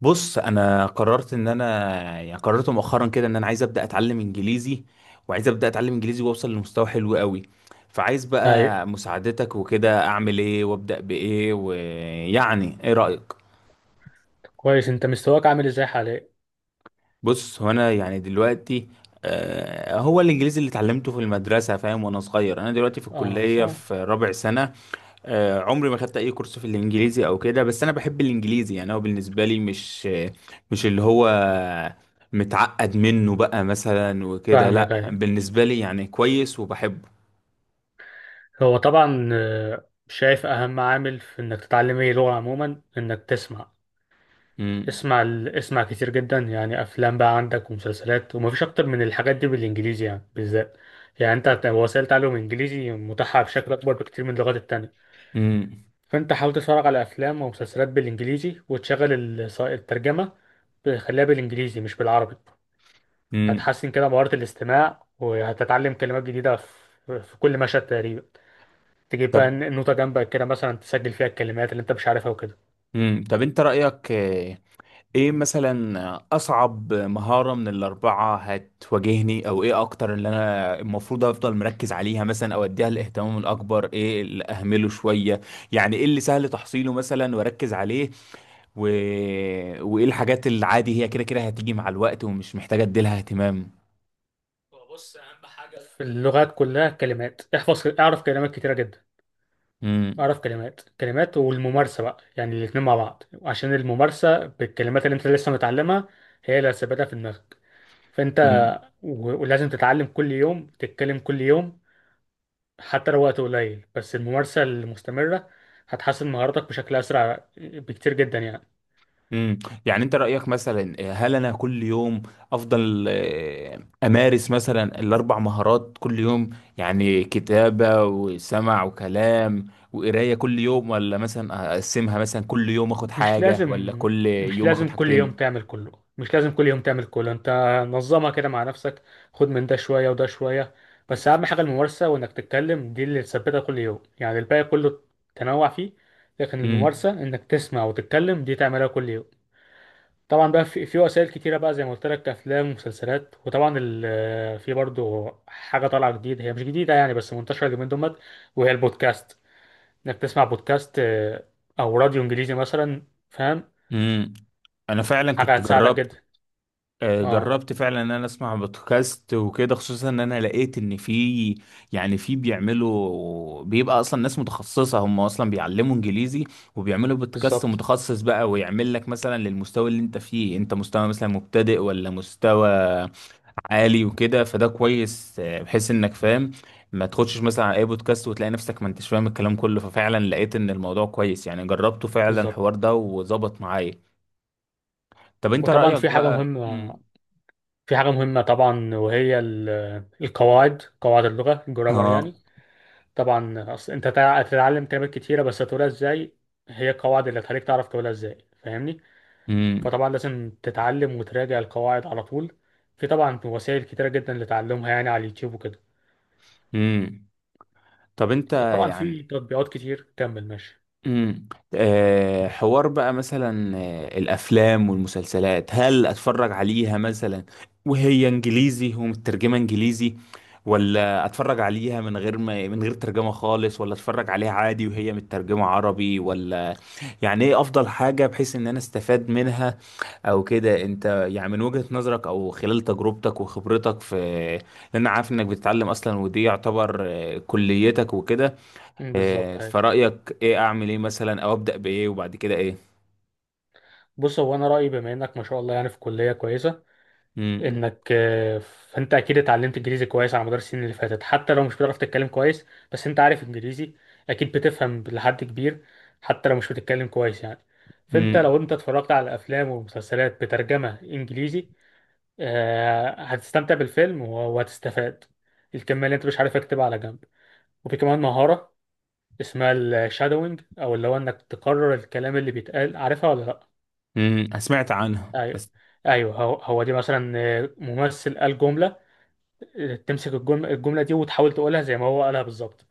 بص، انا قررت ان انا يعني قررت مؤخرا كده ان انا عايز ابدا اتعلم انجليزي. وعايز ابدا اتعلم انجليزي، واوصل لمستوى حلو قوي. فعايز أي، بقى مساعدتك وكده، اعمل ايه وابدا بايه، ويعني ايه رايك؟ كويس أنت مستواك عامل إزاي حاليا؟ بص، هو انا يعني دلوقتي، هو الانجليزي اللي اتعلمته في المدرسه فاهم وانا صغير. انا دلوقتي في آه الكليه صح. في رابع سنه. عمري ما خدت اي كورس في الانجليزي او كده، بس انا بحب الانجليزي. يعني هو بالنسبه لي، مش اللي هو متعقد منه بقى مثلا وكده، فاهمك لا أي. بالنسبه لي يعني كويس وبحبه. هو طبعا، شايف أهم عامل في إنك تتعلم أي لغة عموما إنك تسمع. امم اسمع كتير جدا، يعني أفلام بقى عندك ومسلسلات، ومفيش أكتر من الحاجات دي بالإنجليزي يعني بالذات. يعني أنت، وسائل تعلم إنجليزي متاحة بشكل أكبر بكتير من اللغات التانية. امم فأنت حاول تتفرج على أفلام ومسلسلات بالإنجليزي، وتشغل الترجمة. خليها بالإنجليزي مش بالعربي. امم هتحسن كده مهارة الاستماع، وهتتعلم كلمات جديدة في كل مشهد تقريبا. تجيب بقى طب النوتة جنبك كده، مثلا تسجل فيها الكلمات اللي انت مش عارفها وكده. طب انت رايك ايه مثلا، اصعب مهارة من الاربعة هتواجهني، او ايه اكتر اللي انا المفروض افضل مركز عليها مثلا، او اديها الاهتمام الاكبر، ايه اللي اهمله شوية؟ يعني ايه اللي سهل تحصيله مثلا واركز عليه، و... وايه الحاجات اللي عادي هي كده كده هتيجي مع الوقت، ومش محتاجة اديلها اهتمام؟ في اللغات كلها كلمات. احفظ، اعرف كلمات كتيرة جدا، اعرف كلمات كلمات. والممارسة بقى، يعني الاتنين مع بعض، عشان الممارسة بالكلمات اللي انت لسه متعلمها هي اللي هتثبتها في دماغك. فانت، امم ولازم تتعلم كل يوم، تتكلم كل يوم. حتى لو وقت قليل، بس الممارسة المستمرة هتحسن مهاراتك بشكل أسرع بكتير جدا يعني. امم يعني انت رأيك مثلا، هل انا كل يوم افضل امارس مثلا الاربع مهارات كل يوم، يعني كتابة وسمع وكلام وقراية كل يوم، ولا مثلا اقسمها مثلا كل يوم اخد مش حاجة، لازم ولا كل مش يوم اخد لازم كل يوم حاجتين؟ تعمل كله. مش لازم كل يوم تعمل كله انت. نظمها كده مع نفسك، خد من ده شوية وده شوية. بس اهم حاجة الممارسة وانك تتكلم، دي اللي تثبتها كل يوم. يعني الباقي كله تنوع فيه، لكن امم. الممارسة انك تسمع وتتكلم دي تعملها كل يوم. طبعا بقى في وسائل كتيرة بقى، زي ما قلت لك افلام ومسلسلات. وطبعا في برضو حاجة طالعة جديدة، هي مش جديدة يعني بس منتشرة اليومين دول، وهي البودكاست. انك تسمع بودكاست، او راديو انجليزي مثلا، فاهم. امم. انا فعلا حاجة كنت هتساعدك جربت جدا. آه، اه جربت فعلا ان انا اسمع بودكاست وكده، خصوصا ان انا لقيت ان في يعني في بيعملوا، بيبقى اصلا ناس متخصصة هم اصلا بيعلموا انجليزي، وبيعملوا بودكاست بالظبط. متخصص بقى، ويعمل لك مثلا للمستوى اللي انت فيه، انت مستوى مثلا مبتدئ ولا مستوى عالي وكده. فده كويس، بحيث انك فاهم، ما تخشش مثلا على اي بودكاست وتلاقي نفسك ما انتش فاهم الكلام كله. ففعلا لقيت ان الموضوع كويس، يعني جربته فعلا بالظبط. الحوار ده وظبط معايا. طب انت وطبعا رأيك في حاجة بقى. مهمة، مم. طبعا، وهي القواعد، قواعد اللغة، الجرامر اه. يعني. طبعا أصل أنت، هتتعلم كلمات كتيرة بس هتقولها إزاي؟ هي القواعد اللي هتخليك تعرف تقولها إزاي، فاهمني. امم. فطبعا لازم تتعلم وتراجع القواعد على طول. في طبعا وسائل كتيرة جدا لتعلمها، يعني على اليوتيوب وكده. امم. طب، انت وطبعا في يعني تطبيقات كتير. كمل ماشي. امم آه حوار بقى مثلا، الافلام والمسلسلات، هل اتفرج عليها مثلا وهي انجليزي ومترجمه انجليزي، ولا اتفرج عليها من غير ترجمه خالص، ولا اتفرج عليها عادي وهي مترجمه عربي، ولا يعني ايه افضل حاجه بحيث ان انا استفاد منها او كده، انت يعني من وجهة نظرك او خلال تجربتك وخبرتك في، لان انا عارف انك بتتعلم اصلا ودي يعتبر كليتك وكده. بالظبط. هاي. فرأيك ايه، اعمل ايه مثلا او ابدأ بايه وبعد كده ايه؟ بص، هو أنا رأيي، بما إنك ما شاء الله يعني في كلية كويسة، امم. انك، فانت اكيد اتعلمت انجليزي كويس على مدار السنين اللي فاتت، حتى لو مش بتعرف تتكلم كويس بس انت عارف انجليزي، اكيد بتفهم لحد كبير، حتى لو مش بتتكلم كويس يعني. فانت امم. لو انت اتفرجت على افلام ومسلسلات بترجمة انجليزي، هتستمتع بالفيلم وهتستفاد. الكمية اللي انت مش عارف اكتبها على جنب. وفي كمان مهارة اسمها الشادوينج، او اللي هو انك تكرر الكلام اللي بيتقال، عارفها ولا لا؟ سمعت عنها ايوه. بس. ايوه، هو هو دي مثلا، ممثل قال جملة، تمسك الجملة دي وتحاول تقولها زي ما هو قالها بالظبط.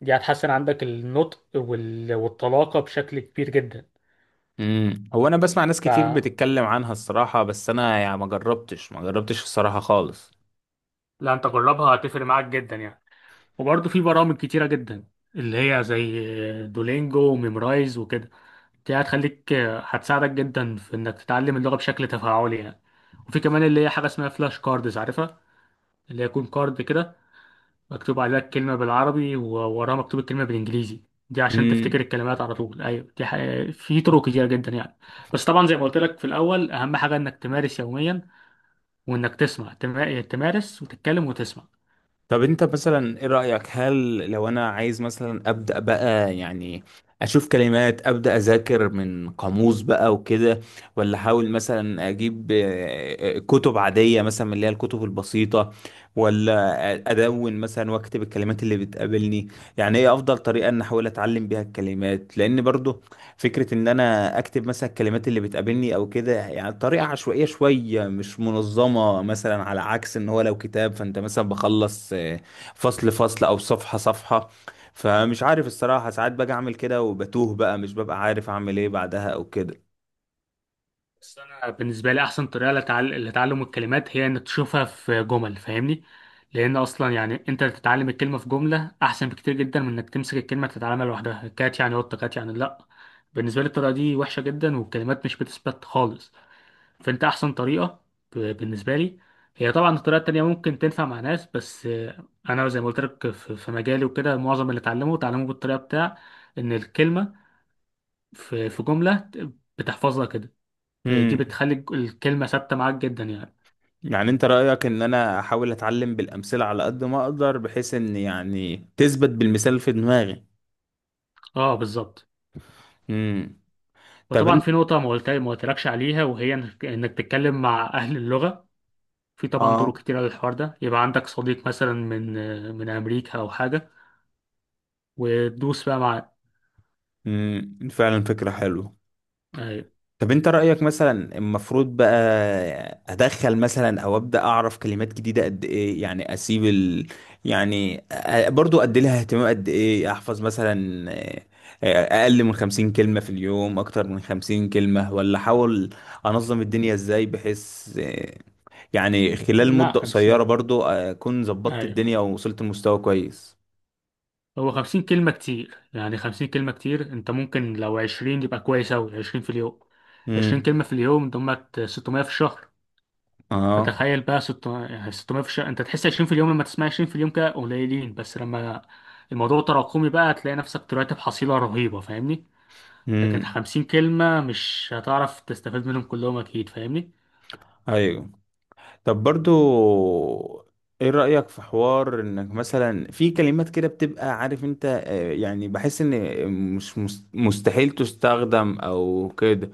دي هتحسن عندك النطق وال... والطلاقة بشكل كبير جدا. هو انا بسمع ناس ف كتير بتتكلم عنها الصراحة، بس انا يعني ما جربتش ما جربتش الصراحة خالص. لا انت جربها، هتفرق معاك جدا يعني. وبرضه في برامج كتيرة جدا، اللي هي زي دولينجو وميمرايز وكده. دي هتساعدك جدا في انك تتعلم اللغة بشكل تفاعلي يعني. وفي كمان اللي هي حاجة اسمها فلاش كاردز، عارفها؟ اللي هي يكون كارد كده، مكتوب عليها الكلمة بالعربي ووراها مكتوب الكلمة بالإنجليزي، دي عشان تفتكر الكلمات على طول. أيوة دي حقيقة. في طرق كتيرة جدا يعني. بس طبعا زي ما قلت لك في الأول، أهم حاجة إنك تمارس يوميا، وإنك تسمع، تمارس وتتكلم وتسمع. طب انت مثلا ايه رأيك، هل لو انا عايز مثلا ابدأ بقى يعني اشوف كلمات، ابدأ اذاكر من قاموس بقى وكده، ولا احاول مثلا اجيب كتب عادية مثلا من اللي هي الكتب البسيطة، ولا ادون مثلا واكتب الكلمات اللي بتقابلني؟ يعني ايه افضل طريقة ان احاول اتعلم بيها الكلمات، لان برضو فكرة ان انا اكتب مثلا الكلمات اللي بتقابلني او كده يعني طريقة عشوائية شوية مش منظمة، مثلا على عكس ان هو لو كتاب فانت مثلا بخلص فصل فصل او صفحة صفحة. فمش عارف الصراحة، ساعات باجي اعمل كده وبتوه بقى، مش ببقى عارف اعمل ايه بعدها او كده. بس أنا بالنسبة لي أحسن طريقة لتعلم الكلمات هي إنك تشوفها في جمل، فاهمني. لأن أصلا يعني أنت تتعلم الكلمة في جملة أحسن بكتير جدا من إنك تمسك الكلمة تتعلمها لوحدها. كات يعني قطة، كات يعني لأ. بالنسبة لي الطريقة دي وحشة جدا، والكلمات مش بتثبت خالص. فانت احسن طريقه، بالنسبه لي، هي طبعا. الطريقه التانيه ممكن تنفع مع ناس، بس انا زي ما قلت لك في مجالي وكده، معظم اللي اتعلمه اتعلمه بالطريقه بتاع ان الكلمه في جمله، بتحفظها كده. دي امم بتخلي الكلمه ثابته معاك جدا يعني. يعني انت رأيك ان انا احاول اتعلم بالامثلة على قد ما اقدر، بحيث ان يعني تثبت بالمثال في دماغي؟ اه بالظبط. امم. طب وطبعا انت في نقطه ما قلتلكش عليها، وهي إنك تتكلم مع اهل اللغه. في طبعا اه طرق كتيره للحوار ده، يبقى عندك صديق مثلا من، من امريكا او حاجه، وتدوس بقى مع. فعلا فكرة حلوة. أيوة. طب انت رأيك مثلا، المفروض بقى ادخل مثلا او ابدا اعرف كلمات جديدة قد ايه، يعني اسيب ال... يعني أ- برضو ادي لها اهتمام قد ايه، احفظ مثلا، اقل من 50 كلمة في اليوم، اكتر من 50 كلمة، ولا احاول انظم الدنيا ازاي بحيث يعني خلال لا، مدة قصيرة 50. برضو اكون ظبطت أيوة. الدنيا ووصلت لمستوى كويس؟ هو 50 كلمة كتير، يعني 50 كلمة كتير. انت ممكن لو 20 يبقى كويس أوي، 20 في اليوم. عشرين امم. كلمة في اليوم دمت 600 في الشهر. اه. فتخيل بقى، ست يعني ستمية في الشهر. انت تحس 20 في اليوم، لما تسمع 20 في اليوم كده قليلين، بس لما الموضوع تراكمي بقى هتلاقي نفسك طلعت بحصيلة رهيبة، فاهمني. لكن امم. 50 كلمة مش هتعرف تستفيد منهم كلهم أكيد، فاهمني. ايوه. طب، برضو ايه رأيك في حوار، انك مثلا في كلمات كده بتبقى عارف انت، يعني بحس ان مش مستحيل تستخدم او كده،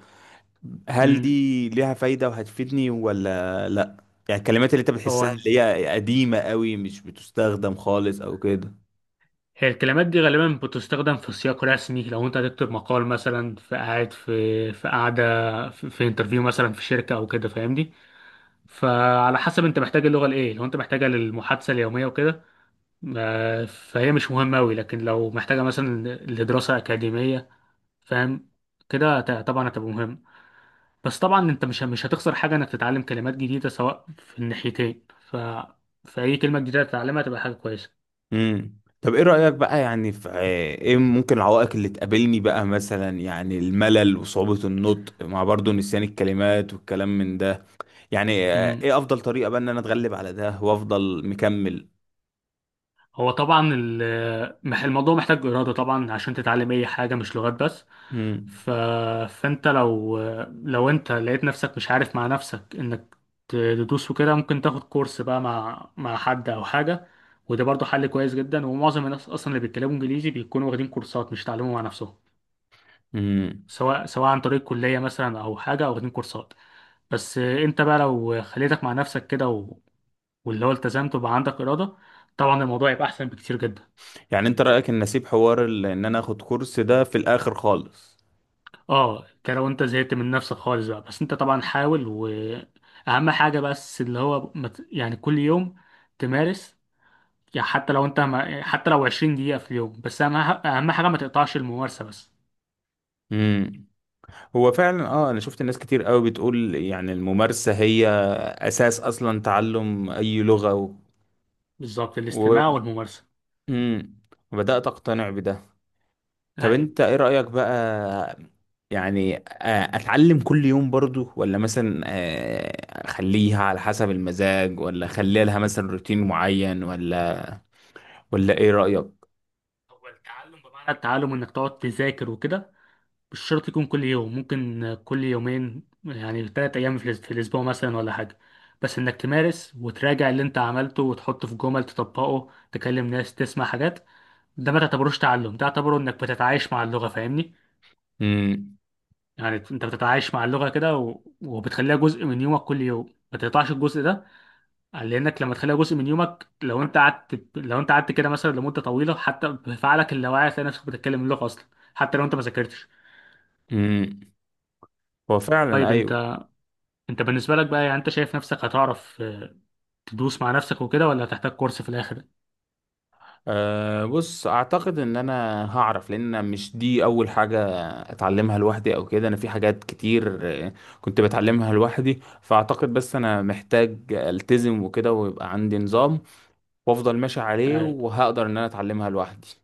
هل مم. دي ليها فايدة وهتفيدني ولا لا؟ يعني الكلمات اللي انت بتحسها هو، اللي هي قديمة قوي مش بتستخدم خالص او كده. هي الكلمات دي غالبا بتستخدم في سياق رسمي. لو انت هتكتب مقال مثلا، في قاعده، في انترفيو مثلا في شركه او كده، فاهمني. فعلى حسب انت محتاج اللغه لايه. لو انت محتاجها للمحادثه اليوميه وكده، فهي مش مهمه قوي. لكن لو محتاجه مثلا لدراسه اكاديميه، فاهم؟ كده طبعا هتبقى مهم. بس طبعا انت مش هتخسر حاجه انك تتعلم كلمات جديده سواء في الناحيتين. فاي كلمه جديده تتعلمها تبقى حاجه كويسه. طب ايه رأيك بقى، يعني في ايه ممكن العوائق اللي تقابلني بقى مثلا، يعني الملل وصعوبة النطق، مع برضو نسيان الكلمات والكلام من ده، يعني ايه افضل طريقة بقى ان انا اتغلب على ده وافضل مكمل؟ هو طبعا، الموضوع محتاج إرادة طبعا عشان تتعلم أي حاجة، مش لغات بس. امم. ف... فأنت لو، أنت لقيت نفسك مش عارف مع نفسك إنك تدوس وكده، ممكن تاخد كورس بقى مع حد أو حاجة. وده برضه حل كويس جدا. ومعظم الناس أصلا اللي بيتكلموا إنجليزي بيكونوا واخدين كورسات، مش تعلموا مع نفسهم، امم سواء عن طريق كلية مثلا أو حاجة، أو واخدين كورسات. بس أنت بقى لو خليتك مع نفسك كده، واللي هو التزمت وبقى عندك إرادة، طبعا الموضوع يبقى أحسن بكتير جدا. يعني انت رأيك ان اسيب حوار ان انا اخد كورس ده في الاخر خالص؟ اه، انت لو انت زهقت من نفسك خالص بقى. بس انت طبعا حاول، واهم حاجه بس اللي هو يعني كل يوم تمارس. يعني حتى لو انت ما... حتى لو 20 دقيقه في اليوم، بس اهم حاجه ما تقطعش الممارسه بس. امم هو فعلا اه، انا شفت ناس كتير قوي بتقول يعني الممارسة هي اساس اصلا تعلم اي لغة. بالظبط، و... الاستماع والممارسه. امم وبدأت اقتنع بده. طب ايوه. انت ايه رأيك بقى، يعني اتعلم كل يوم برضو، ولا مثلا اخليها على حسب المزاج، ولا اخليها لها مثلا روتين معين، ولا ايه رأيك؟ هو التعلم بمعنى التعلم انك تقعد تذاكر وكده، مش شرط يكون كل يوم، ممكن كل يومين يعني 3 ايام في الاسبوع مثلا، ولا حاجه. بس انك تمارس وتراجع اللي انت عملته وتحطه في جمل، تطبقه، تكلم ناس، تسمع حاجات. ده ما تعتبروش تعلم، ده تعتبره انك بتتعايش مع اللغة، فاهمني. امم. يعني انت بتتعايش مع اللغة كده، و... وبتخليها جزء من يومك كل يوم. ما تقطعش الجزء ده، لانك لما تخليها جزء من يومك، لو انت قعدت كده مثلا لمدة طويلة، حتى بفعلك اللاواعي هتلاقي نفسك بتتكلم اللغة اصلا، حتى لو انت ما ذاكرتش. امم. هو فعلا، طيب ايوه. انت، بالنسبة لك بقى، يعني انت شايف نفسك هتعرف تدوس مع نفسك وكده، ولا هتحتاج كورس في الاخر؟ أه، بص، اعتقد ان انا هعرف، لان أنا مش دي اول حاجة اتعلمها لوحدي او كده. انا في حاجات كتير آه، كنت بتعلمها لوحدي. فاعتقد بس انا محتاج التزم وكده، ويبقى عندي نظام، وافضل ماشي عليه، يعني. وهقدر ان انا اتعلمها لوحدي.